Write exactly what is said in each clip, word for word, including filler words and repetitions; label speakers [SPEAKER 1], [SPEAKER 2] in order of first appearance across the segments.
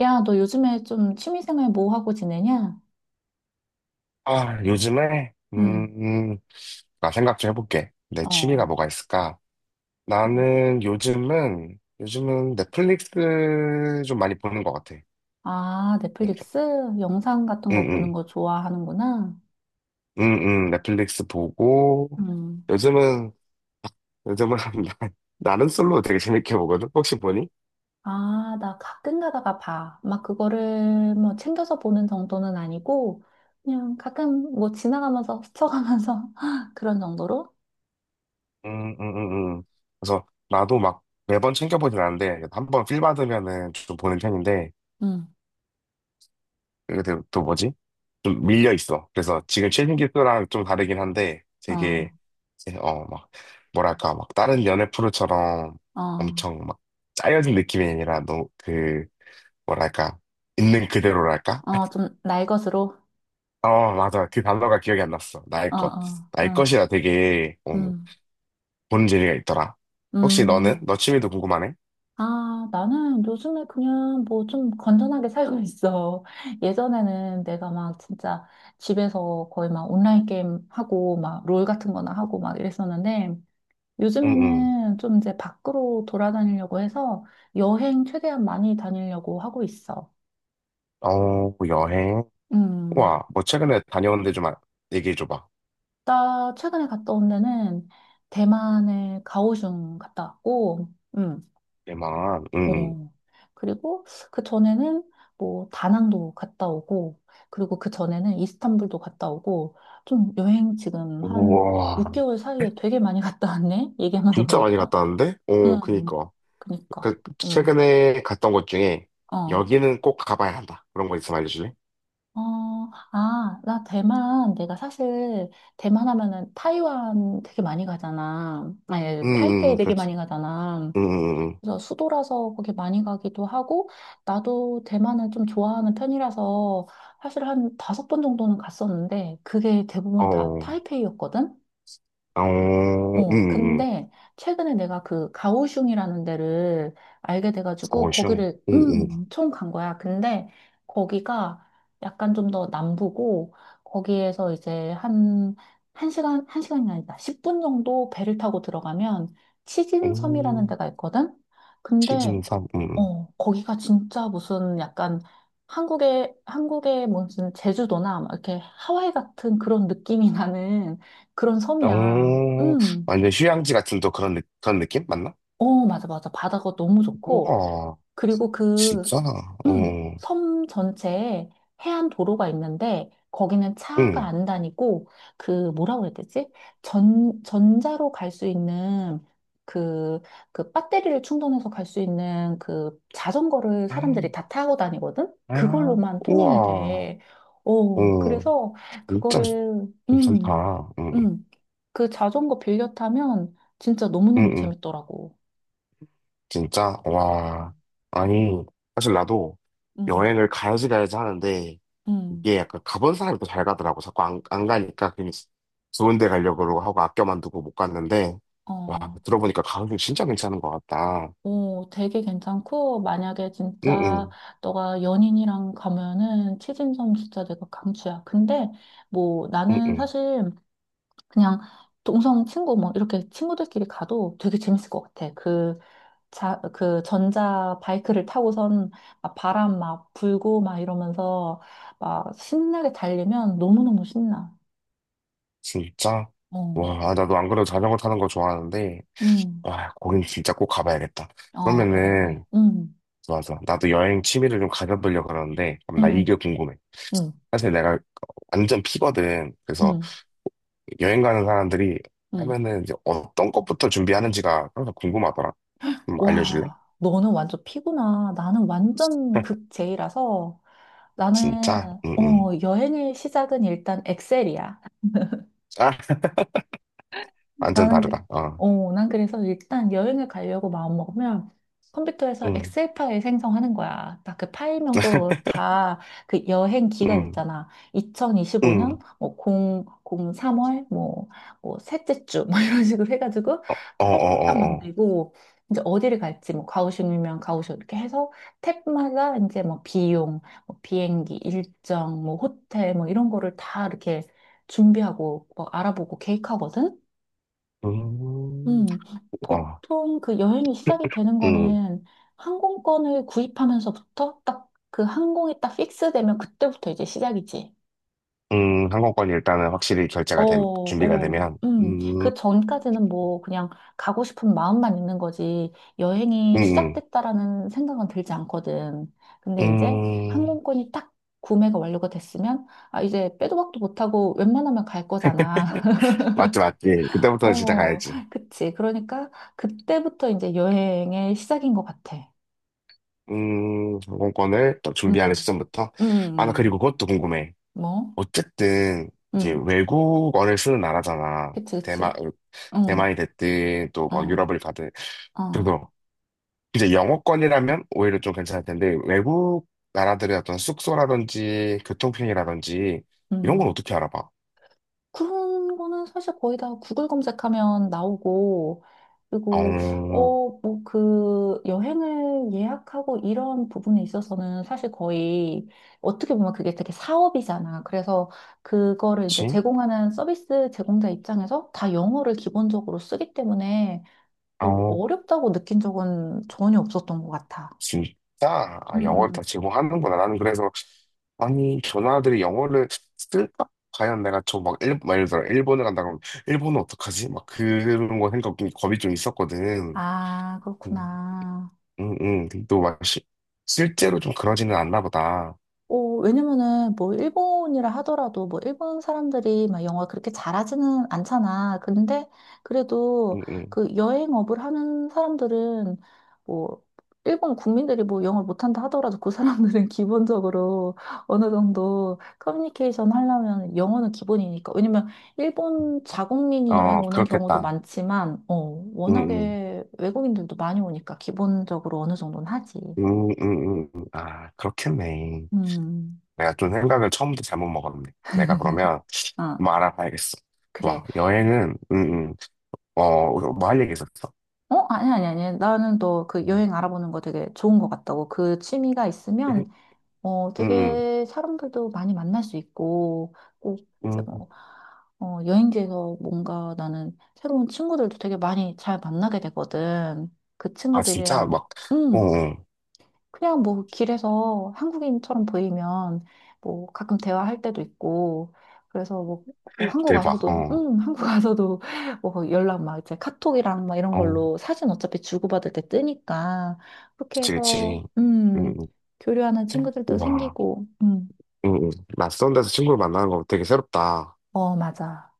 [SPEAKER 1] 야, 너 요즘에 좀 취미생활 뭐 하고 지내냐?
[SPEAKER 2] 아, 요즘에?
[SPEAKER 1] 응,
[SPEAKER 2] 음, 나 생각 좀 해볼게. 내 취미가
[SPEAKER 1] 어.
[SPEAKER 2] 뭐가 있을까? 나는 요즘은, 요즘은 넷플릭스 좀 많이 보는 것 같아.
[SPEAKER 1] 아,
[SPEAKER 2] 넷플,
[SPEAKER 1] 넷플릭스? 영상 같은
[SPEAKER 2] 응,
[SPEAKER 1] 거 보는
[SPEAKER 2] 응,
[SPEAKER 1] 거 좋아하는구나.
[SPEAKER 2] 응, 응, 넷플릭스 보고,
[SPEAKER 1] 음.
[SPEAKER 2] 요즘은, 요즘은, 나는 솔로 되게 재밌게 보거든? 혹시 보니?
[SPEAKER 1] 아, 나 가끔 가다가 봐. 막 그거를 뭐 챙겨서 보는 정도는 아니고, 그냥 가끔 뭐 지나가면서, 스쳐가면서 그런 정도로?
[SPEAKER 2] 응, 응, 응, 응. 그래서 나도 막 매번 챙겨보진 않는데, 한 번 필 받으면은 좀 보는 편인데,
[SPEAKER 1] 응,
[SPEAKER 2] 근데 또 뭐지? 좀 밀려 있어. 그래서 지금 최신 기술랑 좀 다르긴 한데
[SPEAKER 1] 어,
[SPEAKER 2] 되게 이제 어 막 뭐랄까 막 다른 연애 프로처럼
[SPEAKER 1] 어,
[SPEAKER 2] 엄청 막 짜여진 느낌이 아니라 너무 그 뭐랄까 있는 그대로랄까?
[SPEAKER 1] 어, 좀 날것으로?
[SPEAKER 2] 어, 맞아. 그 단어가 기억이 안 났어. 나의
[SPEAKER 1] 어,
[SPEAKER 2] 것
[SPEAKER 1] 어,
[SPEAKER 2] 나의
[SPEAKER 1] 어,
[SPEAKER 2] 것이라 되게 어,
[SPEAKER 1] 음,
[SPEAKER 2] 보는 재미가 있더라. 혹시 너는
[SPEAKER 1] 음.
[SPEAKER 2] 너 취미도 궁금하네?
[SPEAKER 1] 아, 나는 요즘에 그냥 뭐 좀 건전하게 살고 있어. 예전에는 내가 막 진짜 집에서 거의 막 온라인 게임 하고 막 롤 같은 거나 하고 막 이랬었는데,
[SPEAKER 2] 응응.
[SPEAKER 1] 요즘에는 좀 이제 밖으로 돌아다니려고 해서 여행 최대한 많이 다니려고 하고 있어.
[SPEAKER 2] 어, 뭐, 여행.
[SPEAKER 1] 음,
[SPEAKER 2] 우와, 뭐 최근에 다녀온 데좀 얘기해 줘봐.
[SPEAKER 1] 나 최근에 갔다 온 데는 대만의 가오슝 갔다 왔고,
[SPEAKER 2] 대만. 응.
[SPEAKER 1] 어. 그리고 그 전에는 뭐 다낭도 갔다 오고, 그리고 그 전에는 이스탄불도 갔다 오고, 좀 여행 지금
[SPEAKER 2] 응.
[SPEAKER 1] 한
[SPEAKER 2] 우와.
[SPEAKER 1] 육 개월 사이에 되게 많이 갔다 왔네? 얘기하면서
[SPEAKER 2] 진짜 많이
[SPEAKER 1] 보니까.
[SPEAKER 2] 갔다 왔는데? 오,
[SPEAKER 1] 음,
[SPEAKER 2] 그니까.
[SPEAKER 1] 그니까.
[SPEAKER 2] 그,
[SPEAKER 1] 음,
[SPEAKER 2] 최근에 갔던 곳 중에,
[SPEAKER 1] 어.
[SPEAKER 2] 여기는 꼭 가봐야 한다. 그런 거 있으면 알려줄래?
[SPEAKER 1] 어, 아, 나 대만, 내가 사실 대만 하면은 타이완 되게 많이 가잖아.
[SPEAKER 2] 응,
[SPEAKER 1] 아니,
[SPEAKER 2] 응,
[SPEAKER 1] 타이페이
[SPEAKER 2] 응.
[SPEAKER 1] 되게
[SPEAKER 2] 그렇지.
[SPEAKER 1] 많이 가잖아.
[SPEAKER 2] 응, 응, 응.
[SPEAKER 1] 그래서 수도라서 거기 많이 가기도 하고, 나도 대만을 좀 좋아하는 편이라서 사실 한 다섯 번 정도는 갔었는데, 그게
[SPEAKER 2] 응.
[SPEAKER 1] 대부분 다
[SPEAKER 2] 어,
[SPEAKER 1] 타이페이였거든?
[SPEAKER 2] 어,
[SPEAKER 1] 어,
[SPEAKER 2] 응, 응.
[SPEAKER 1] 근데 최근에 내가 그 가오슝이라는 데를 알게 돼가지고,
[SPEAKER 2] 어슝.
[SPEAKER 1] 거기를,
[SPEAKER 2] 응, 응.
[SPEAKER 1] 음, 엄청 간 거야. 근데 거기가 약간 좀 더 남부고, 거기에서 이제 한, 한 시간, 한 시간이 아니다. 십 분 정도 배를 타고 들어가면 치진섬이라는
[SPEAKER 2] 음,
[SPEAKER 1] 데가 있거든? 근데
[SPEAKER 2] 시즌삼, 응,
[SPEAKER 1] 어, 거기가 진짜 무슨 약간 한국의, 한국의 무슨 제주도나 막 이렇게 하와이 같은 그런 느낌이 나는 그런 섬이야.
[SPEAKER 2] 응. 어,
[SPEAKER 1] 음.
[SPEAKER 2] 완전 휴양지 같은 또 그런, 느- 그런 느낌? 맞나?
[SPEAKER 1] 어, 맞아, 맞아. 바다가 너무 좋고.
[SPEAKER 2] 우와,
[SPEAKER 1] 그리고 그
[SPEAKER 2] 진짜? 어,
[SPEAKER 1] 음, 섬 전체에 해안 도로가 있는데 거기는 차가
[SPEAKER 2] 응.
[SPEAKER 1] 안 다니고 그 뭐라고 해야 되지? 전 전자로 갈 수 있는 그 그 배터리를 충전해서 갈 수 있는 그 자전거를
[SPEAKER 2] 아,
[SPEAKER 1] 사람들이 다 타고 다니거든.
[SPEAKER 2] 아,
[SPEAKER 1] 그걸로만 통행이
[SPEAKER 2] 우와,
[SPEAKER 1] 돼. 어,
[SPEAKER 2] 어,
[SPEAKER 1] 그래서
[SPEAKER 2] 진짜
[SPEAKER 1] 그거를 음.
[SPEAKER 2] 괜찮다. 응,
[SPEAKER 1] 음. 그 자전거 빌려 타면 진짜
[SPEAKER 2] 응,
[SPEAKER 1] 너무너무
[SPEAKER 2] 응.
[SPEAKER 1] 재밌더라고.
[SPEAKER 2] 진짜?
[SPEAKER 1] 어,
[SPEAKER 2] 와. 아니, 사실 나도
[SPEAKER 1] 음.
[SPEAKER 2] 여행을 가야지 가야지 하는데,
[SPEAKER 1] 음.
[SPEAKER 2] 이게 약간 가본 사람이 더 잘 가더라고. 자꾸 안, 안 가니까 괜히 좋은 데 가려고 그러고 하고 아껴만 두고 못 갔는데, 와,
[SPEAKER 1] 어.
[SPEAKER 2] 들어보니까 가격이 진짜 괜찮은 것 같다.
[SPEAKER 1] 오, 되게 괜찮고, 만약에
[SPEAKER 2] 응응,
[SPEAKER 1] 진짜 너가 연인이랑 가면은 치진점 진짜 내가 강추야. 근데 뭐 나는
[SPEAKER 2] 응응,
[SPEAKER 1] 사실 그냥 동성 친구 뭐 이렇게 친구들끼리 가도 되게 재밌을 것 같아. 그 자, 그 전자 바이크를 타고선 막 바람 막 불고 막 이러면서 막 신나게 달리면 너무너무 신나.
[SPEAKER 2] 진짜?
[SPEAKER 1] 어,
[SPEAKER 2] 와, 아, 나도 안 그래도 자전거 타는 거 좋아하는데,
[SPEAKER 1] 음,
[SPEAKER 2] 와, 거긴 진짜 꼭 가봐야겠다.
[SPEAKER 1] 어, 그래, 그래.
[SPEAKER 2] 그러면은,
[SPEAKER 1] 음,
[SPEAKER 2] 좋아, 좋아. 나도 여행 취미를 좀 가져보려고 그러는데, 그럼 나
[SPEAKER 1] 음,
[SPEAKER 2] 이게 궁금해.
[SPEAKER 1] 음,
[SPEAKER 2] 사실 내가 완전 피거든.
[SPEAKER 1] 음,
[SPEAKER 2] 그래서
[SPEAKER 1] 음.
[SPEAKER 2] 여행 가는 사람들이
[SPEAKER 1] 음.
[SPEAKER 2] 하면은 이제 어떤 것부터 준비하는지가 항상 궁금하더라. 좀 알려줄래?
[SPEAKER 1] 와, 너는 완전 피구나. 나는 완전 극제이라서
[SPEAKER 2] 진짜?
[SPEAKER 1] 나는,
[SPEAKER 2] 응, 응.
[SPEAKER 1] 어, 여행의 시작은 일단 엑셀이야.
[SPEAKER 2] 아, 완전
[SPEAKER 1] 나는, 그-
[SPEAKER 2] 다르다. 어.
[SPEAKER 1] 어, 난 그래서 일단 여행을 가려고 마음먹으면 컴퓨터에서
[SPEAKER 2] 응,
[SPEAKER 1] 엑셀 파일 생성하는 거야. 딱 그 파일명도 다 그 여행 기간
[SPEAKER 2] 응,
[SPEAKER 1] 있잖아. 이천이십오 년,
[SPEAKER 2] 응.
[SPEAKER 1] 뭐, 공, 공, 삼월, 뭐, 뭐, 셋째 주, 뭐, 이런 식으로 해가지고
[SPEAKER 2] 어, 어,
[SPEAKER 1] 파일만 딱
[SPEAKER 2] 어, 어.
[SPEAKER 1] 만들고, 이제 어디를 갈지, 뭐, 가오슝이면 가오슝 이렇게 해서 탭마다 이제 뭐, 비용, 뭐 비행기, 일정, 뭐, 호텔, 뭐, 이런 거를 다 이렇게 준비하고, 뭐, 알아보고 계획하거든?
[SPEAKER 2] 음,
[SPEAKER 1] 음,
[SPEAKER 2] 어,
[SPEAKER 1] 보통 그 여행이 시작이 되는
[SPEAKER 2] 응,
[SPEAKER 1] 거는 항공권을 구입하면서부터 딱 그 항공이 딱 픽스되면 그때부터 이제 시작이지.
[SPEAKER 2] 응. 항공권이 일단은 확실히
[SPEAKER 1] 어,
[SPEAKER 2] 결제가 되, 준비가
[SPEAKER 1] 어,
[SPEAKER 2] 되면,
[SPEAKER 1] 음.
[SPEAKER 2] 음,
[SPEAKER 1] 그 전까지는 뭐 그냥 가고 싶은 마음만 있는 거지 여행이
[SPEAKER 2] 응,
[SPEAKER 1] 시작됐다라는 생각은 들지 않거든. 근데
[SPEAKER 2] 응.
[SPEAKER 1] 이제
[SPEAKER 2] 음,
[SPEAKER 1] 항공권이 딱 구매가 완료가 됐으면 아, 이제 빼도 박도 못하고 웬만하면 갈 거잖아.
[SPEAKER 2] 맞지, 맞지. 그때부터는 진짜
[SPEAKER 1] 어,
[SPEAKER 2] 가야지.
[SPEAKER 1] 그치. 그러니까 그때부터 이제 여행의 시작인 것 같아.
[SPEAKER 2] 음, 항공권을 또
[SPEAKER 1] 응,
[SPEAKER 2] 준비하는 시점부터.
[SPEAKER 1] 응,
[SPEAKER 2] 아, 나 그리고
[SPEAKER 1] 응.
[SPEAKER 2] 그것도 궁금해.
[SPEAKER 1] 뭐?
[SPEAKER 2] 어쨌든 이제
[SPEAKER 1] 응,
[SPEAKER 2] 외국어를 쓰는 나라잖아.
[SPEAKER 1] 그치,
[SPEAKER 2] 대만
[SPEAKER 1] 그치.
[SPEAKER 2] 어,
[SPEAKER 1] 응,
[SPEAKER 2] 대만이 됐든 또 막
[SPEAKER 1] 응,
[SPEAKER 2] 유럽을 가든,
[SPEAKER 1] 응,
[SPEAKER 2] 그래서 이제 영어권이라면 오히려 좀 괜찮을 텐데 외국 나라들의 어떤 숙소라든지 교통편이라든지 이런 건
[SPEAKER 1] 응.
[SPEAKER 2] 어떻게 알아봐?
[SPEAKER 1] 그런 거는 사실 거의 다 구글 검색하면 나오고, 그리고,
[SPEAKER 2] 어,
[SPEAKER 1] 어, 뭐, 그, 여행을 예약하고 이런 부분에 있어서는 사실 거의, 어떻게 보면 그게 되게 사업이잖아. 그래서 그거를 이제
[SPEAKER 2] 그치?
[SPEAKER 1] 제공하는 서비스 제공자 입장에서 다 영어를 기본적으로 쓰기 때문에, 뭐,
[SPEAKER 2] 어,
[SPEAKER 1] 어렵다고 느낀 적은 전혀 없었던 것 같아.
[SPEAKER 2] 진짜. 아, 영어를
[SPEAKER 1] 응,
[SPEAKER 2] 다 제공하는구나. 나는 그래서, 아니, 전화들이 영어를 쓸까? 과연 내가 저막 일, 막 예를 들어 일본을 간다 그러면 일본은 어떡하지? 막 그런 거 생각 좀 겁이 좀 있었거든.
[SPEAKER 1] 아,
[SPEAKER 2] 음,
[SPEAKER 1] 그렇구나.
[SPEAKER 2] 음, 음. 또 막, 시, 실제로 좀 그러지는 않나 보다.
[SPEAKER 1] 오, 왜냐면은 뭐 일본이라 하더라도 뭐 일본 사람들이 막 영어 그렇게 잘하지는 않잖아. 근데 그래도
[SPEAKER 2] 음, 음.
[SPEAKER 1] 그 여행업을 하는 사람들은 뭐 일본 국민들이 뭐 영어를 못한다 하더라도 그 사람들은 기본적으로 어느 정도 커뮤니케이션 하려면 영어는 기본이니까. 왜냐면 일본 자국민이 여행
[SPEAKER 2] 어,
[SPEAKER 1] 오는 경우도
[SPEAKER 2] 그렇겠다.
[SPEAKER 1] 많지만, 어,
[SPEAKER 2] 음, 음.
[SPEAKER 1] 워낙에 외국인들도 많이 오니까 기본적으로 어느 정도는 하지.
[SPEAKER 2] 음, 음, 음. 음. 아, 그렇겠네.
[SPEAKER 1] 음,
[SPEAKER 2] 내가 좀 생각을 처음부터 잘못 먹었네. 내가 그러면
[SPEAKER 1] 아,
[SPEAKER 2] 뭐 알아봐야겠어.
[SPEAKER 1] 그래.
[SPEAKER 2] 좋아. 여행은, 음, 음. 어, 어, 뭐할 얘기 있었어?
[SPEAKER 1] 어, 아니, 아니, 아니. 나는 너 그
[SPEAKER 2] 음,
[SPEAKER 1] 여행 알아보는 거 되게 좋은 것 같다고. 그 취미가 있으면, 어,
[SPEAKER 2] 음, 음.
[SPEAKER 1] 되게 사람들도 많이 만날 수 있고, 꼭 이제
[SPEAKER 2] 음.
[SPEAKER 1] 뭐, 어, 여행지에서 뭔가 나는 새로운 친구들도 되게 많이 잘 만나게 되거든. 그
[SPEAKER 2] 아, 진짜?
[SPEAKER 1] 친구들이랑,
[SPEAKER 2] 막, 어,
[SPEAKER 1] 음,
[SPEAKER 2] 어.
[SPEAKER 1] 그냥 뭐 길에서 한국인처럼 보이면 뭐 가끔 대화할 때도 있고 그래서 뭐, 뭐 한국
[SPEAKER 2] 대박.
[SPEAKER 1] 와서도
[SPEAKER 2] 어,
[SPEAKER 1] 음 한국 와서도 뭐 연락 막 이제 카톡이랑 막 이런
[SPEAKER 2] 어.
[SPEAKER 1] 걸로 사진 어차피 주고받을 때 뜨니까 그렇게
[SPEAKER 2] 그치,
[SPEAKER 1] 해서
[SPEAKER 2] 그치.
[SPEAKER 1] 음
[SPEAKER 2] 음,
[SPEAKER 1] 교류하는
[SPEAKER 2] 음.
[SPEAKER 1] 친구들도
[SPEAKER 2] 와,
[SPEAKER 1] 생기고
[SPEAKER 2] 응, 응. 낯선 데서 친구를 만나는 거 되게 새롭다.
[SPEAKER 1] 음어 맞아.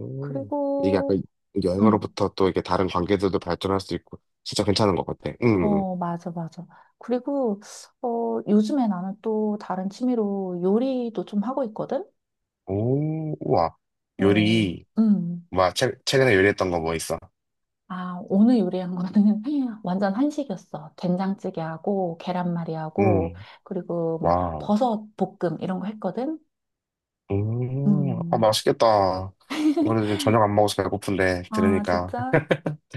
[SPEAKER 2] 음. 이게
[SPEAKER 1] 그리고
[SPEAKER 2] 약간 여행으로부터 또 이게 다른 관계들도 발전할 수 있고 진짜 괜찮은 것 같아. 음.
[SPEAKER 1] 음어 맞아, 맞아. 그리고 어 요즘에 나는 또 다른 취미로 요리도 좀 하고 있거든.
[SPEAKER 2] 오, 우와.
[SPEAKER 1] 어
[SPEAKER 2] 요리.
[SPEAKER 1] 음.
[SPEAKER 2] 와, 최, 최근에 요리했던 거 뭐 있어?
[SPEAKER 1] 아, 오늘 요리한 거는 완전 한식이었어. 된장찌개하고 계란말이하고
[SPEAKER 2] 음.
[SPEAKER 1] 그리고 뭐
[SPEAKER 2] 와우.
[SPEAKER 1] 버섯 볶음 이런 거 했거든.
[SPEAKER 2] 음. 아,
[SPEAKER 1] 음.
[SPEAKER 2] 맛있겠다. 오늘 지금 저녁 안 먹어서 배고픈데
[SPEAKER 1] 아,
[SPEAKER 2] 들으니까
[SPEAKER 1] 진짜?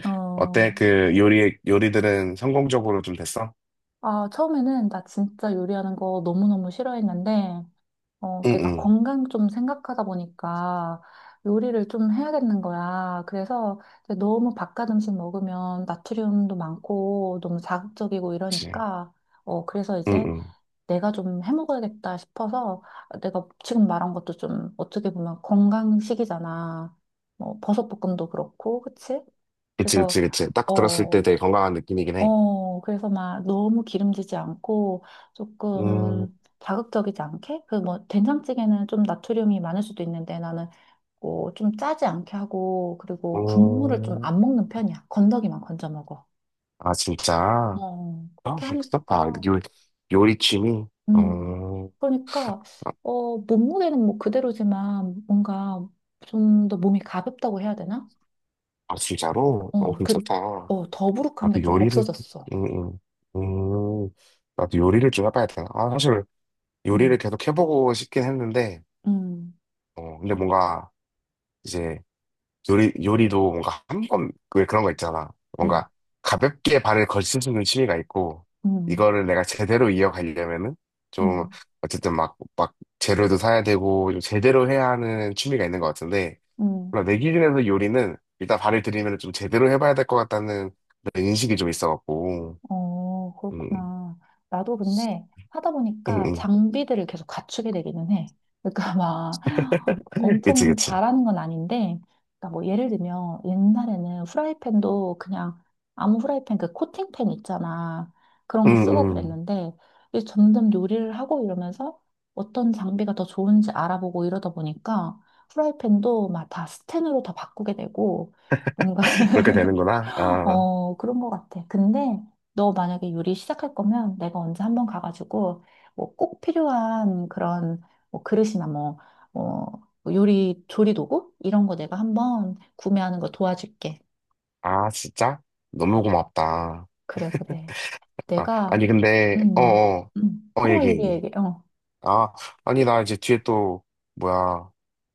[SPEAKER 1] 어.
[SPEAKER 2] 어때? 그 요리 요리들은 성공적으로 좀 됐어?
[SPEAKER 1] 아, 처음에는 나 진짜 요리하는 거 너무너무 싫어했는데 어, 내가
[SPEAKER 2] 응응.
[SPEAKER 1] 건강 좀 생각하다 보니까 요리를 좀 해야겠는 거야. 그래서 이제 너무 바깥 음식 먹으면 나트륨도 많고 너무 자극적이고
[SPEAKER 2] 그치.
[SPEAKER 1] 이러니까 어, 그래서 이제
[SPEAKER 2] 응응.
[SPEAKER 1] 내가 좀 해먹어야겠다 싶어서 내가 지금 말한 것도 좀 어떻게 보면 건강식이잖아. 뭐 버섯볶음도 그렇고, 그치?
[SPEAKER 2] 그치
[SPEAKER 1] 그래서,
[SPEAKER 2] 그치 그치. 딱 들었을 때
[SPEAKER 1] 어,
[SPEAKER 2] 되게 건강한 느낌이긴 해.
[SPEAKER 1] 어, 그래서 막 너무 기름지지 않고
[SPEAKER 2] 음.
[SPEAKER 1] 조금 자극적이지 않게? 그 뭐 된장찌개는 좀 나트륨이 많을 수도 있는데 나는 뭐 좀 짜지 않게 하고 그리고 국물을 좀
[SPEAKER 2] 음.
[SPEAKER 1] 안 먹는 편이야. 건더기만 건져 먹어.
[SPEAKER 2] 아, 진짜? 아,
[SPEAKER 1] 어, 그렇게
[SPEAKER 2] 그어 아,
[SPEAKER 1] 하니까.
[SPEAKER 2] 요, 요리 취미?
[SPEAKER 1] 음,
[SPEAKER 2] 어,
[SPEAKER 1] 그러니까,
[SPEAKER 2] 아,
[SPEAKER 1] 어, 몸무게는 뭐 그대로지만 뭔가 좀 더 몸이 가볍다고 해야 되나?
[SPEAKER 2] 아, 진짜로? 어,
[SPEAKER 1] 어, 그,
[SPEAKER 2] 괜찮다.
[SPEAKER 1] 어, 더부룩한 게
[SPEAKER 2] 나도
[SPEAKER 1] 좀
[SPEAKER 2] 요리를,
[SPEAKER 1] 없어졌어.
[SPEAKER 2] 음, 음, 음, 나도 요리를 좀 해봐야 되나? 아, 사실 요리를
[SPEAKER 1] 음,
[SPEAKER 2] 계속 해보고 싶긴 했는데,
[SPEAKER 1] 음,
[SPEAKER 2] 어, 근데 뭔가 이제 요리, 요리도 뭔가 한 번, 왜 그런 거 있잖아.
[SPEAKER 1] 음,
[SPEAKER 2] 뭔가 가볍게 발을 걸칠 수 있는 취미가 있고,
[SPEAKER 1] 음,
[SPEAKER 2] 이거를 내가 제대로 이어가려면은 좀,
[SPEAKER 1] 음,
[SPEAKER 2] 어쨌든 막, 막 재료도 사야 되고, 좀 제대로 해야 하는 취미가 있는 것 같은데,
[SPEAKER 1] 음.
[SPEAKER 2] 몰라, 내 기준에서 요리는 일단 발을 들이면 좀 제대로 해봐야 될 것 같다는 그런 인식이 좀 있어갖고,
[SPEAKER 1] 어,
[SPEAKER 2] 음,
[SPEAKER 1] 그렇구나. 나도 근데 하다
[SPEAKER 2] 음,
[SPEAKER 1] 보니까
[SPEAKER 2] 음.
[SPEAKER 1] 장비들을 계속 갖추게 되기는 해. 그러니까 막
[SPEAKER 2] 그치,
[SPEAKER 1] 엄청
[SPEAKER 2] 그치.
[SPEAKER 1] 잘하는 건 아닌데, 그러니까 뭐 예를 들면 옛날에는 후라이팬도 그냥 아무 후라이팬 그 코팅팬 있잖아. 그런
[SPEAKER 2] 음,
[SPEAKER 1] 거 쓰고
[SPEAKER 2] 음.
[SPEAKER 1] 그랬는데, 이제 점점 요리를 하고 이러면서 어떤 장비가 더 좋은지 알아보고 이러다 보니까 후라이팬도 막 다 스텐으로 다 바꾸게 되고, 뭔가
[SPEAKER 2] 그렇게 되는구나. 아,
[SPEAKER 1] 어, 그런 것 같아. 근데 너 만약에 요리 시작할 거면 내가 언제 한번 가가지고 뭐 꼭 필요한 그런 뭐 그릇이나 뭐, 어, 뭐 요리 조리 도구 이런 거 내가 한번 구매하는 거 도와줄게.
[SPEAKER 2] 아, 진짜? 너무 고맙다.
[SPEAKER 1] 그래, 그래.
[SPEAKER 2] 아,
[SPEAKER 1] 내가
[SPEAKER 2] 아니, 근데, 어,
[SPEAKER 1] 음,
[SPEAKER 2] 어,
[SPEAKER 1] 음.
[SPEAKER 2] 어,
[SPEAKER 1] 어,
[SPEAKER 2] 얘기,
[SPEAKER 1] 얘기해,
[SPEAKER 2] 얘기.
[SPEAKER 1] 얘기해. 어.
[SPEAKER 2] 아, 아니, 나 이제 뒤에 또, 뭐야,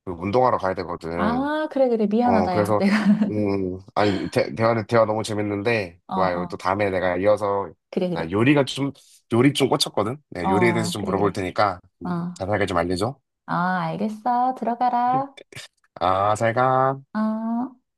[SPEAKER 2] 그 운동하러 가야 되거든.
[SPEAKER 1] 아, 그래, 그래.
[SPEAKER 2] 어,
[SPEAKER 1] 미안하다, 야.
[SPEAKER 2] 그래서,
[SPEAKER 1] 내가.
[SPEAKER 2] 음, 아니, 대, 대화, 대화 너무 재밌는데,
[SPEAKER 1] 어,
[SPEAKER 2] 뭐야, 이거 또
[SPEAKER 1] 어.
[SPEAKER 2] 다음에 내가 이어서,
[SPEAKER 1] 그래,
[SPEAKER 2] 나
[SPEAKER 1] 그래.
[SPEAKER 2] 요리가 좀, 요리 좀 꽂혔거든? 내가 요리에 대해서
[SPEAKER 1] 어,
[SPEAKER 2] 좀
[SPEAKER 1] 그래,
[SPEAKER 2] 물어볼
[SPEAKER 1] 그래.
[SPEAKER 2] 테니까,
[SPEAKER 1] 어.
[SPEAKER 2] 자세하게 좀 알려줘.
[SPEAKER 1] 아, 알겠어. 들어가라.
[SPEAKER 2] 아, 잘 가.
[SPEAKER 1] 어.